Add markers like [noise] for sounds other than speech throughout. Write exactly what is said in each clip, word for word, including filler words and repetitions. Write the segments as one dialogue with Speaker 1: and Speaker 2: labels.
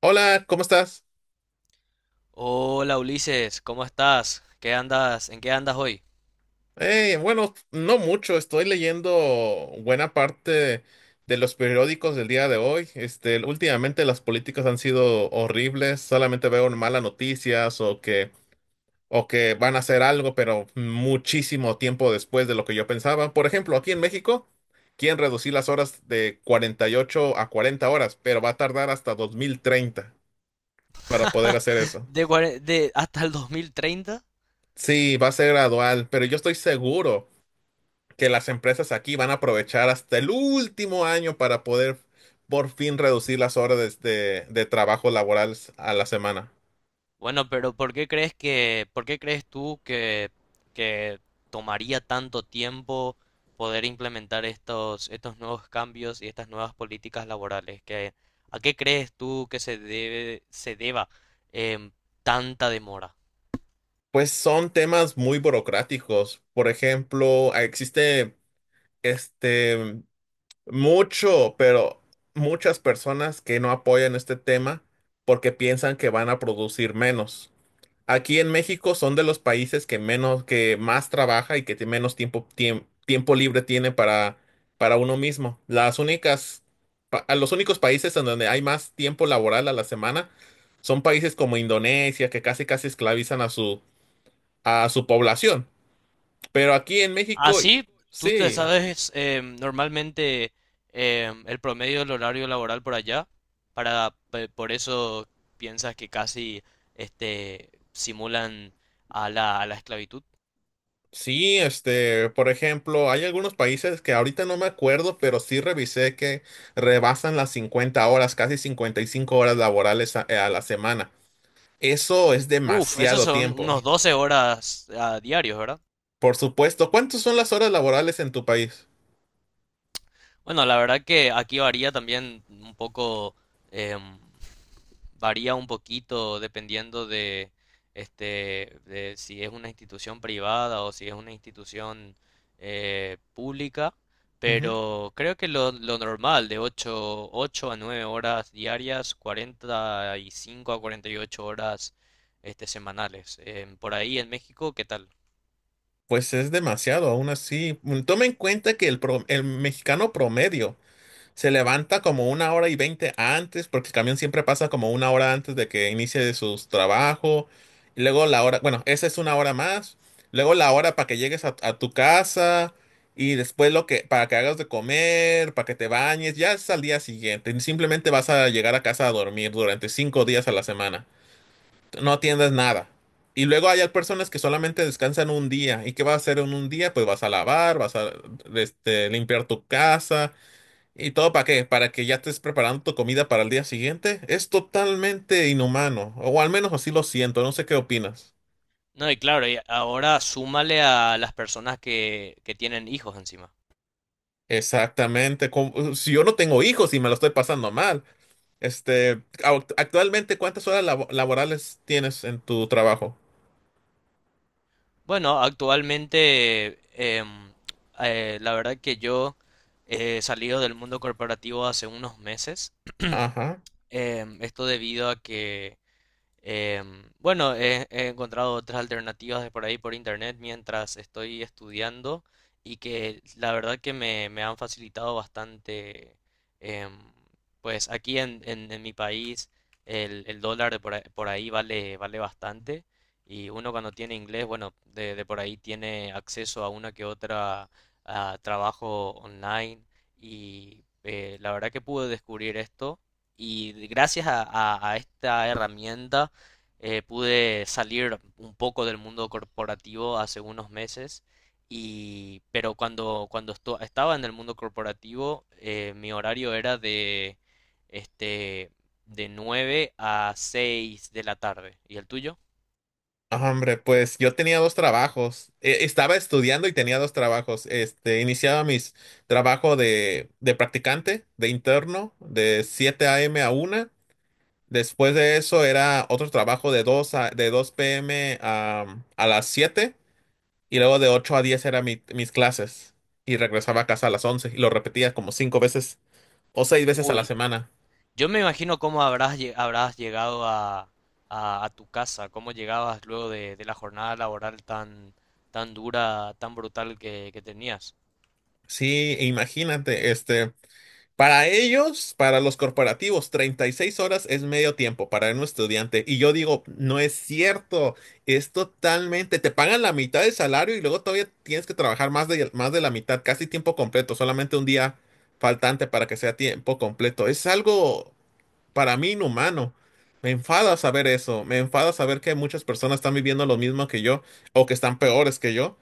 Speaker 1: Hola, ¿cómo estás?
Speaker 2: Hola Ulises, ¿cómo estás? ¿Qué andas? ¿En qué andas hoy?
Speaker 1: Eh, bueno, no mucho, estoy leyendo buena parte de los periódicos del día de hoy. Este, últimamente las políticas han sido horribles, solamente veo malas noticias o que, o que van a hacer algo, pero muchísimo tiempo después de lo que yo pensaba. Por ejemplo, aquí en México quieren reducir las horas de cuarenta y ocho a cuarenta horas, pero va a tardar hasta dos mil treinta para poder hacer
Speaker 2: [laughs]
Speaker 1: eso.
Speaker 2: De, cuare- de hasta el dos mil treinta.
Speaker 1: Sí, va a ser gradual, pero yo estoy seguro que las empresas aquí van a aprovechar hasta el último año para poder por fin reducir las horas de, de- de trabajo laboral a la semana.
Speaker 2: Bueno, pero ¿por qué crees que, por qué crees tú que, que tomaría tanto tiempo poder implementar estos, estos nuevos cambios y estas nuevas políticas laborales? ¿Qué- a qué crees tú que se debe, se deba, em, tanta demora?
Speaker 1: Pues son temas muy burocráticos. Por ejemplo, existe este mucho, pero muchas personas que no apoyan este tema porque piensan que van a producir menos. Aquí en México son de los países que menos, que más trabaja y que tie- menos tiempo, tiem- tiempo libre tiene para, para uno mismo. Las únicas, pa- a los únicos países en donde hay más tiempo laboral a la semana son países como Indonesia, que casi casi esclavizan a su, a su población. Pero aquí en México. Y-
Speaker 2: Así, tú te
Speaker 1: sí,
Speaker 2: sabes, eh, normalmente, eh, el promedio del horario laboral por allá, para pe- por eso piensas que casi este simulan a la, a la esclavitud.
Speaker 1: sí. Este, por ejemplo, hay algunos países que ahorita no me acuerdo, pero sí revisé que rebasan las cincuenta horas, casi cincuenta y cinco horas laborales a a la semana. Eso es
Speaker 2: Uf, esos
Speaker 1: demasiado
Speaker 2: son
Speaker 1: tiempo.
Speaker 2: unos doce horas a diarios, ¿verdad?
Speaker 1: Por supuesto. ¿Cuántas son las horas laborales en tu país?
Speaker 2: Bueno, la verdad que aquí varía también un poco, em, varía un poquito dependiendo de, este, de si es una institución privada o si es una institución eh, pública,
Speaker 1: Ujú.
Speaker 2: pero creo que lo, lo, normal de ocho, ocho a nueve horas diarias, cuarenta y cinco a cuarenta y ocho horas este, semanales. Em, por ahí en México, ¿qué tal?
Speaker 1: Pues es demasiado, aún así. Mm, Toma en cuenta que el, pro- el mexicano promedio se levanta como una hora y veinte antes, porque el camión siempre pasa como una hora antes de que inicie su trabajo. Y luego la hora, bueno, esa es una hora más. Luego la hora para que llegues a, a tu casa. Y después lo que, para que hagas de comer, para que te bañes. Ya es al día siguiente. Simplemente vas a llegar a casa a dormir durante cinco días a la semana. No atiendes nada. Y luego hay personas que solamente descansan un día. ¿Y qué vas a hacer en un día? Pues vas a lavar, vas a este, limpiar tu casa. ¿Y todo para qué? ¿Para que ya estés preparando tu comida para el día siguiente? Es totalmente inhumano, o al menos así lo siento, no sé qué opinas.
Speaker 2: No, y claro, y ahora súmale a las personas que, que tienen hijos encima.
Speaker 1: Exactamente, como- si yo no tengo hijos y me lo estoy pasando mal. Este, au- actualmente, ¿cuántas horas labo- laborales tienes en tu trabajo?
Speaker 2: Bueno, actualmente, em, eh, la verdad que yo eh, he salido del mundo corporativo hace unos meses.
Speaker 1: Ajá.
Speaker 2: Em, esto debido a que, Em, bueno, he, he encontrado otras alternativas de por ahí por internet mientras estoy estudiando, y que la verdad que me, me han facilitado bastante. em, pues aquí en, en- en mi país, el, el dólar de por ahí, por ahí vale, vale, bastante, y uno cuando tiene inglés, bueno, de, de por ahí tiene acceso a una que otra, a trabajo online. Y eh, la verdad que pude descubrir esto. Y gracias a, a- a esta herramienta eh, pude salir un poco del mundo corporativo hace unos meses, y pero cuando cuando esto- estaba en el mundo corporativo eh, mi horario era de este de nueve a seis de la tarde. ¿Y el tuyo?
Speaker 1: Ah, hombre, pues yo tenía dos trabajos. Eh, estaba estudiando y tenía dos trabajos. Este, iniciaba mis trabajo de, de practicante, de interno, de siete a m a una. Después de eso era otro trabajo de dos a, de dos p m a, a las siete y luego de ocho a diez eran mis clases y regresaba a casa a las once y lo repetía como cinco veces o seis veces a la
Speaker 2: Uy,
Speaker 1: semana.
Speaker 2: yo me imagino cómo habrás lle- habrás llegado a, a- a tu casa, cómo llegabas luego de, de, la jornada laboral tan tan dura, tan brutal que que tenías.
Speaker 1: Sí, imagínate, este, Para ellos, para los corporativos, treinta y seis horas es medio tiempo para un estudiante. Y yo digo, no es cierto, es totalmente, te pagan la mitad del salario y luego todavía tienes que trabajar más de, más de la mitad, casi tiempo completo, solamente un día faltante para que sea tiempo completo. Es algo para mí inhumano. Me enfada saber eso, me enfada saber que muchas personas están viviendo lo mismo que yo, o que están peores que yo,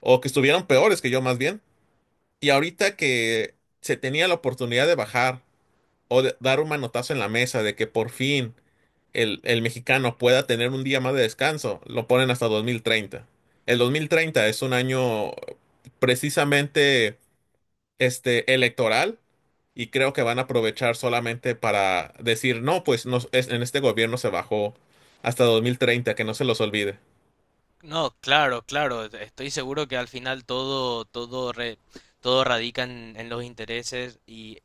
Speaker 1: o que estuvieron peores que yo más bien. Y ahorita que se tenía la oportunidad de bajar o de- dar un manotazo en la mesa de que por fin el, el mexicano pueda tener un día más de descanso, lo ponen hasta dos mil treinta. El dos mil treinta es un año precisamente este, electoral y creo que van a aprovechar solamente para decir, no, pues nos- es- en este gobierno se bajó hasta dos mil treinta, que no se los olvide.
Speaker 2: No, claro, claro. e-, Estoy seguro que al final todo, todo, re- todo radica en, en los intereses, y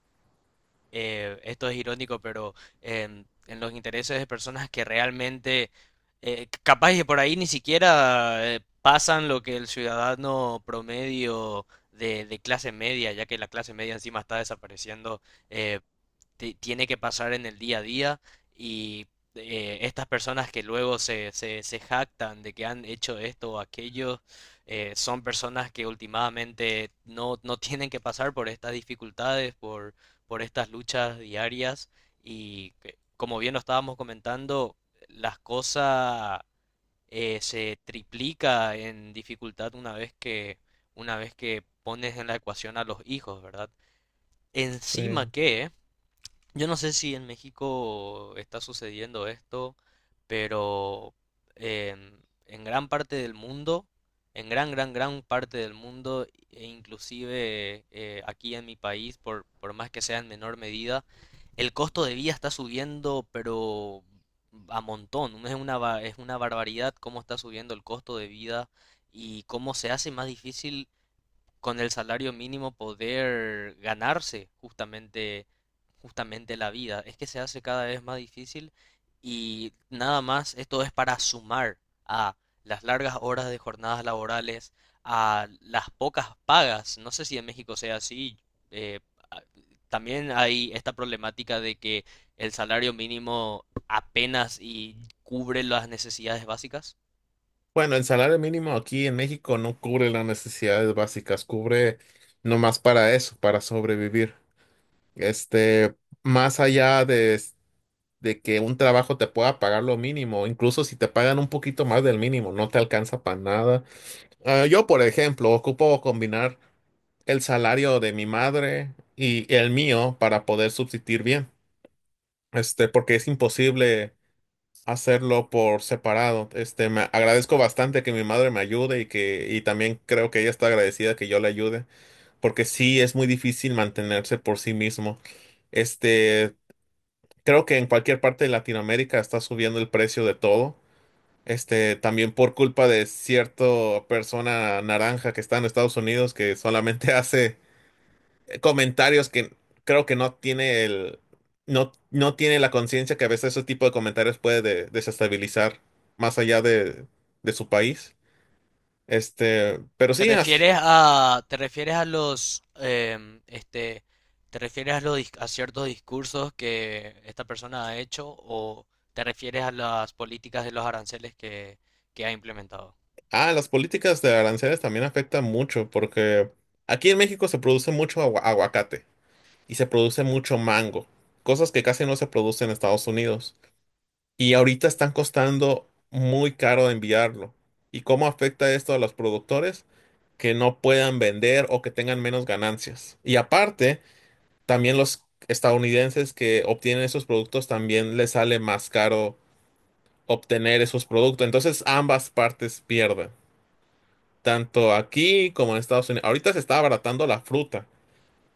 Speaker 2: eh, esto es irónico, pero em, en los intereses de personas que realmente, eh, capaz que por ahí ni siquiera eh, pasan lo que el ciudadano promedio de, de clase media, ya que la clase media encima está desapareciendo, eh, ti- tiene que pasar en el día a día, y eh, estas personas que luego se, se, se jactan de que han hecho esto o aquello, eh, son personas que últimamente no, no tienen que pasar por estas dificultades, por, por, estas luchas diarias, y que, como bien lo estábamos comentando, las cosas eh, se triplica en dificultad una vez que, una vez que pones en la ecuación a los hijos, ¿verdad?
Speaker 1: Sí.
Speaker 2: Encima que yo no sé si en México está sucediendo esto, pero en, en, gran parte del mundo, en gran, gran, gran parte del mundo, e inclusive eh, aquí en mi país, por, por más que sea en menor medida, el costo de vida está subiendo, pero a montón. Es una, ba- es una barbaridad cómo está subiendo el costo de vida y cómo se hace más difícil con el salario mínimo poder ganarse justamente, justamente la vida. Es que se hace cada vez más difícil, y nada más esto es para sumar a las largas horas de jornadas laborales, a las pocas pagas. No sé si en México sea así. eh, a- También hay esta problemática de que el salario mínimo apenas y cubre las necesidades básicas.
Speaker 1: Bueno, el salario mínimo aquí en México no cubre las necesidades básicas, cubre nomás para eso, para sobrevivir. Este, Más allá de, s- de que un trabajo te pueda pagar lo mínimo, incluso si te pagan un poquito más del mínimo, no te alcanza para nada. Ah, yo, por ejemplo, ocupo combinar el salario de mi madre y el mío para poder subsistir bien. Este, porque es imposible hacerlo por separado. Este, me agradezco bastante que mi madre me ayude y que, y también creo que ella está agradecida que yo le ayude, porque sí es muy difícil mantenerse por sí mismo. Este, Creo que en cualquier parte de Latinoamérica está subiendo el precio de todo. Este, también por culpa de cierta persona naranja que está en Estados Unidos que solamente [laughs] hace comentarios que creo que no tiene el, no, no tiene la conciencia que a veces ese tipo de comentarios puede de- desestabilizar más allá de, de su país. Este, pero
Speaker 2: ¿Te
Speaker 1: sí, así-
Speaker 2: refieres a, Te refieres a los, em, este, te refieres a los, dis- a ciertos discursos que esta persona ha hecho, o te refieres a las políticas de los aranceles que, que ha implementado?
Speaker 1: ah, las políticas de aranceles también afectan mucho porque aquí en México se produce mucho agua- aguacate. Y se produce mucho mango, cosas que casi no se producen en Estados Unidos. Y ahorita están costando muy caro de enviarlo. ¿Y cómo afecta esto a los productores? Que no puedan vender o que tengan menos ganancias. Y aparte, también los estadounidenses que obtienen esos productos también les sale más caro obtener esos productos. Entonces ambas partes pierden, tanto aquí como en Estados Unidos. Ahorita se está abaratando la fruta.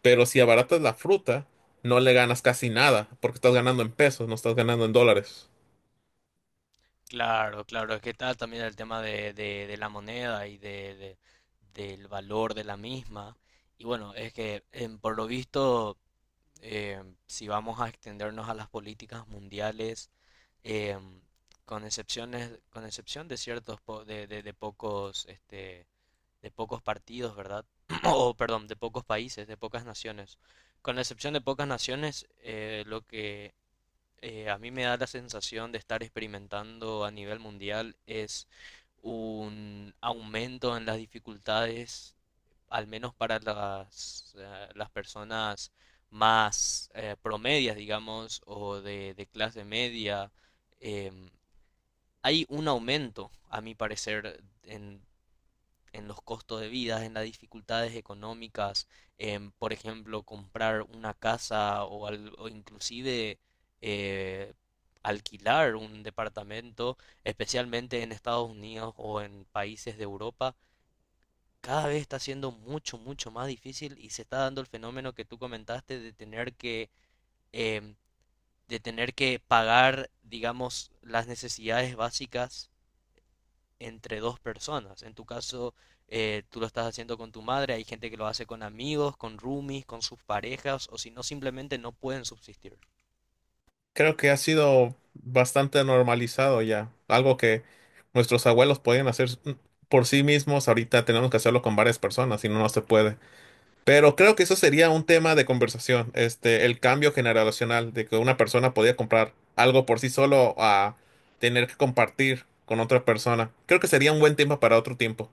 Speaker 1: Pero si abaratas la fruta, no le ganas casi nada, porque estás ganando en pesos, no estás ganando en dólares.
Speaker 2: Claro, claro, es que está también el tema de, de, de la moneda, y de, de- del valor de la misma. Y bueno, es que em, por lo visto, em, si vamos a extendernos a las políticas mundiales, eh, con excepciones, con excepción de ciertos po- de, de- de pocos, este, de pocos partidos, ¿verdad? [clears throat] [coughs] O perdón, de pocos países, de pocas naciones. Con la excepción de pocas naciones, eh, lo que eh, a mí me da la sensación de estar experimentando a nivel mundial, es un aumento en las dificultades, al menos para las, eh, las personas más eh, promedias, digamos, o de, de, clase media, em, hay un aumento, a mi parecer, en, en los costos de vida, en las dificultades económicas, en, por ejemplo, comprar una casa, o al- o inclusive eh, alquilar un departamento, especialmente en Estados Unidos o en países de Europa. Cada vez está siendo mucho, mucho más difícil, y se está dando el fenómeno que tú comentaste de tener que, em, de tener que pagar, digamos, las necesidades básicas entre dos personas. En tu caso, eh, tú lo estás haciendo con tu madre, hay gente que lo hace con amigos, con roomies, con sus parejas, o si no, simplemente no pueden subsistir.
Speaker 1: Creo que ha sido bastante normalizado ya, algo que nuestros abuelos podían hacer por sí mismos, ahorita tenemos que hacerlo con varias personas, si no, no se puede. Pero creo que eso sería un tema de conversación, este, el cambio generacional, de que una persona podía comprar algo por sí solo a tener que compartir con otra persona. Creo que sería un buen tema para otro tiempo.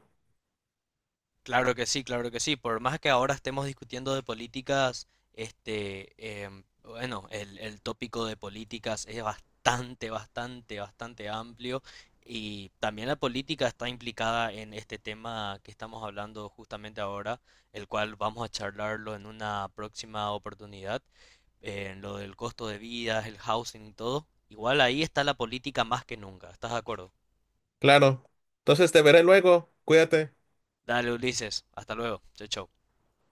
Speaker 2: Claro que sí, claro que sí. Por más que ahora estemos discutiendo de políticas, este, em, bueno, el, el tópico de políticas es bastante, bastante, bastante amplio. Y también la política está implicada en este tema que estamos hablando justamente ahora, el cual vamos a charlarlo en una próxima oportunidad. eh, lo del costo de vida, el housing y todo, igual ahí está la política más que nunca. ¿Estás de acuerdo?
Speaker 1: Claro. Entonces te veré luego. Cuídate.
Speaker 2: Dale, Ulises. Hasta luego. Chau, chau.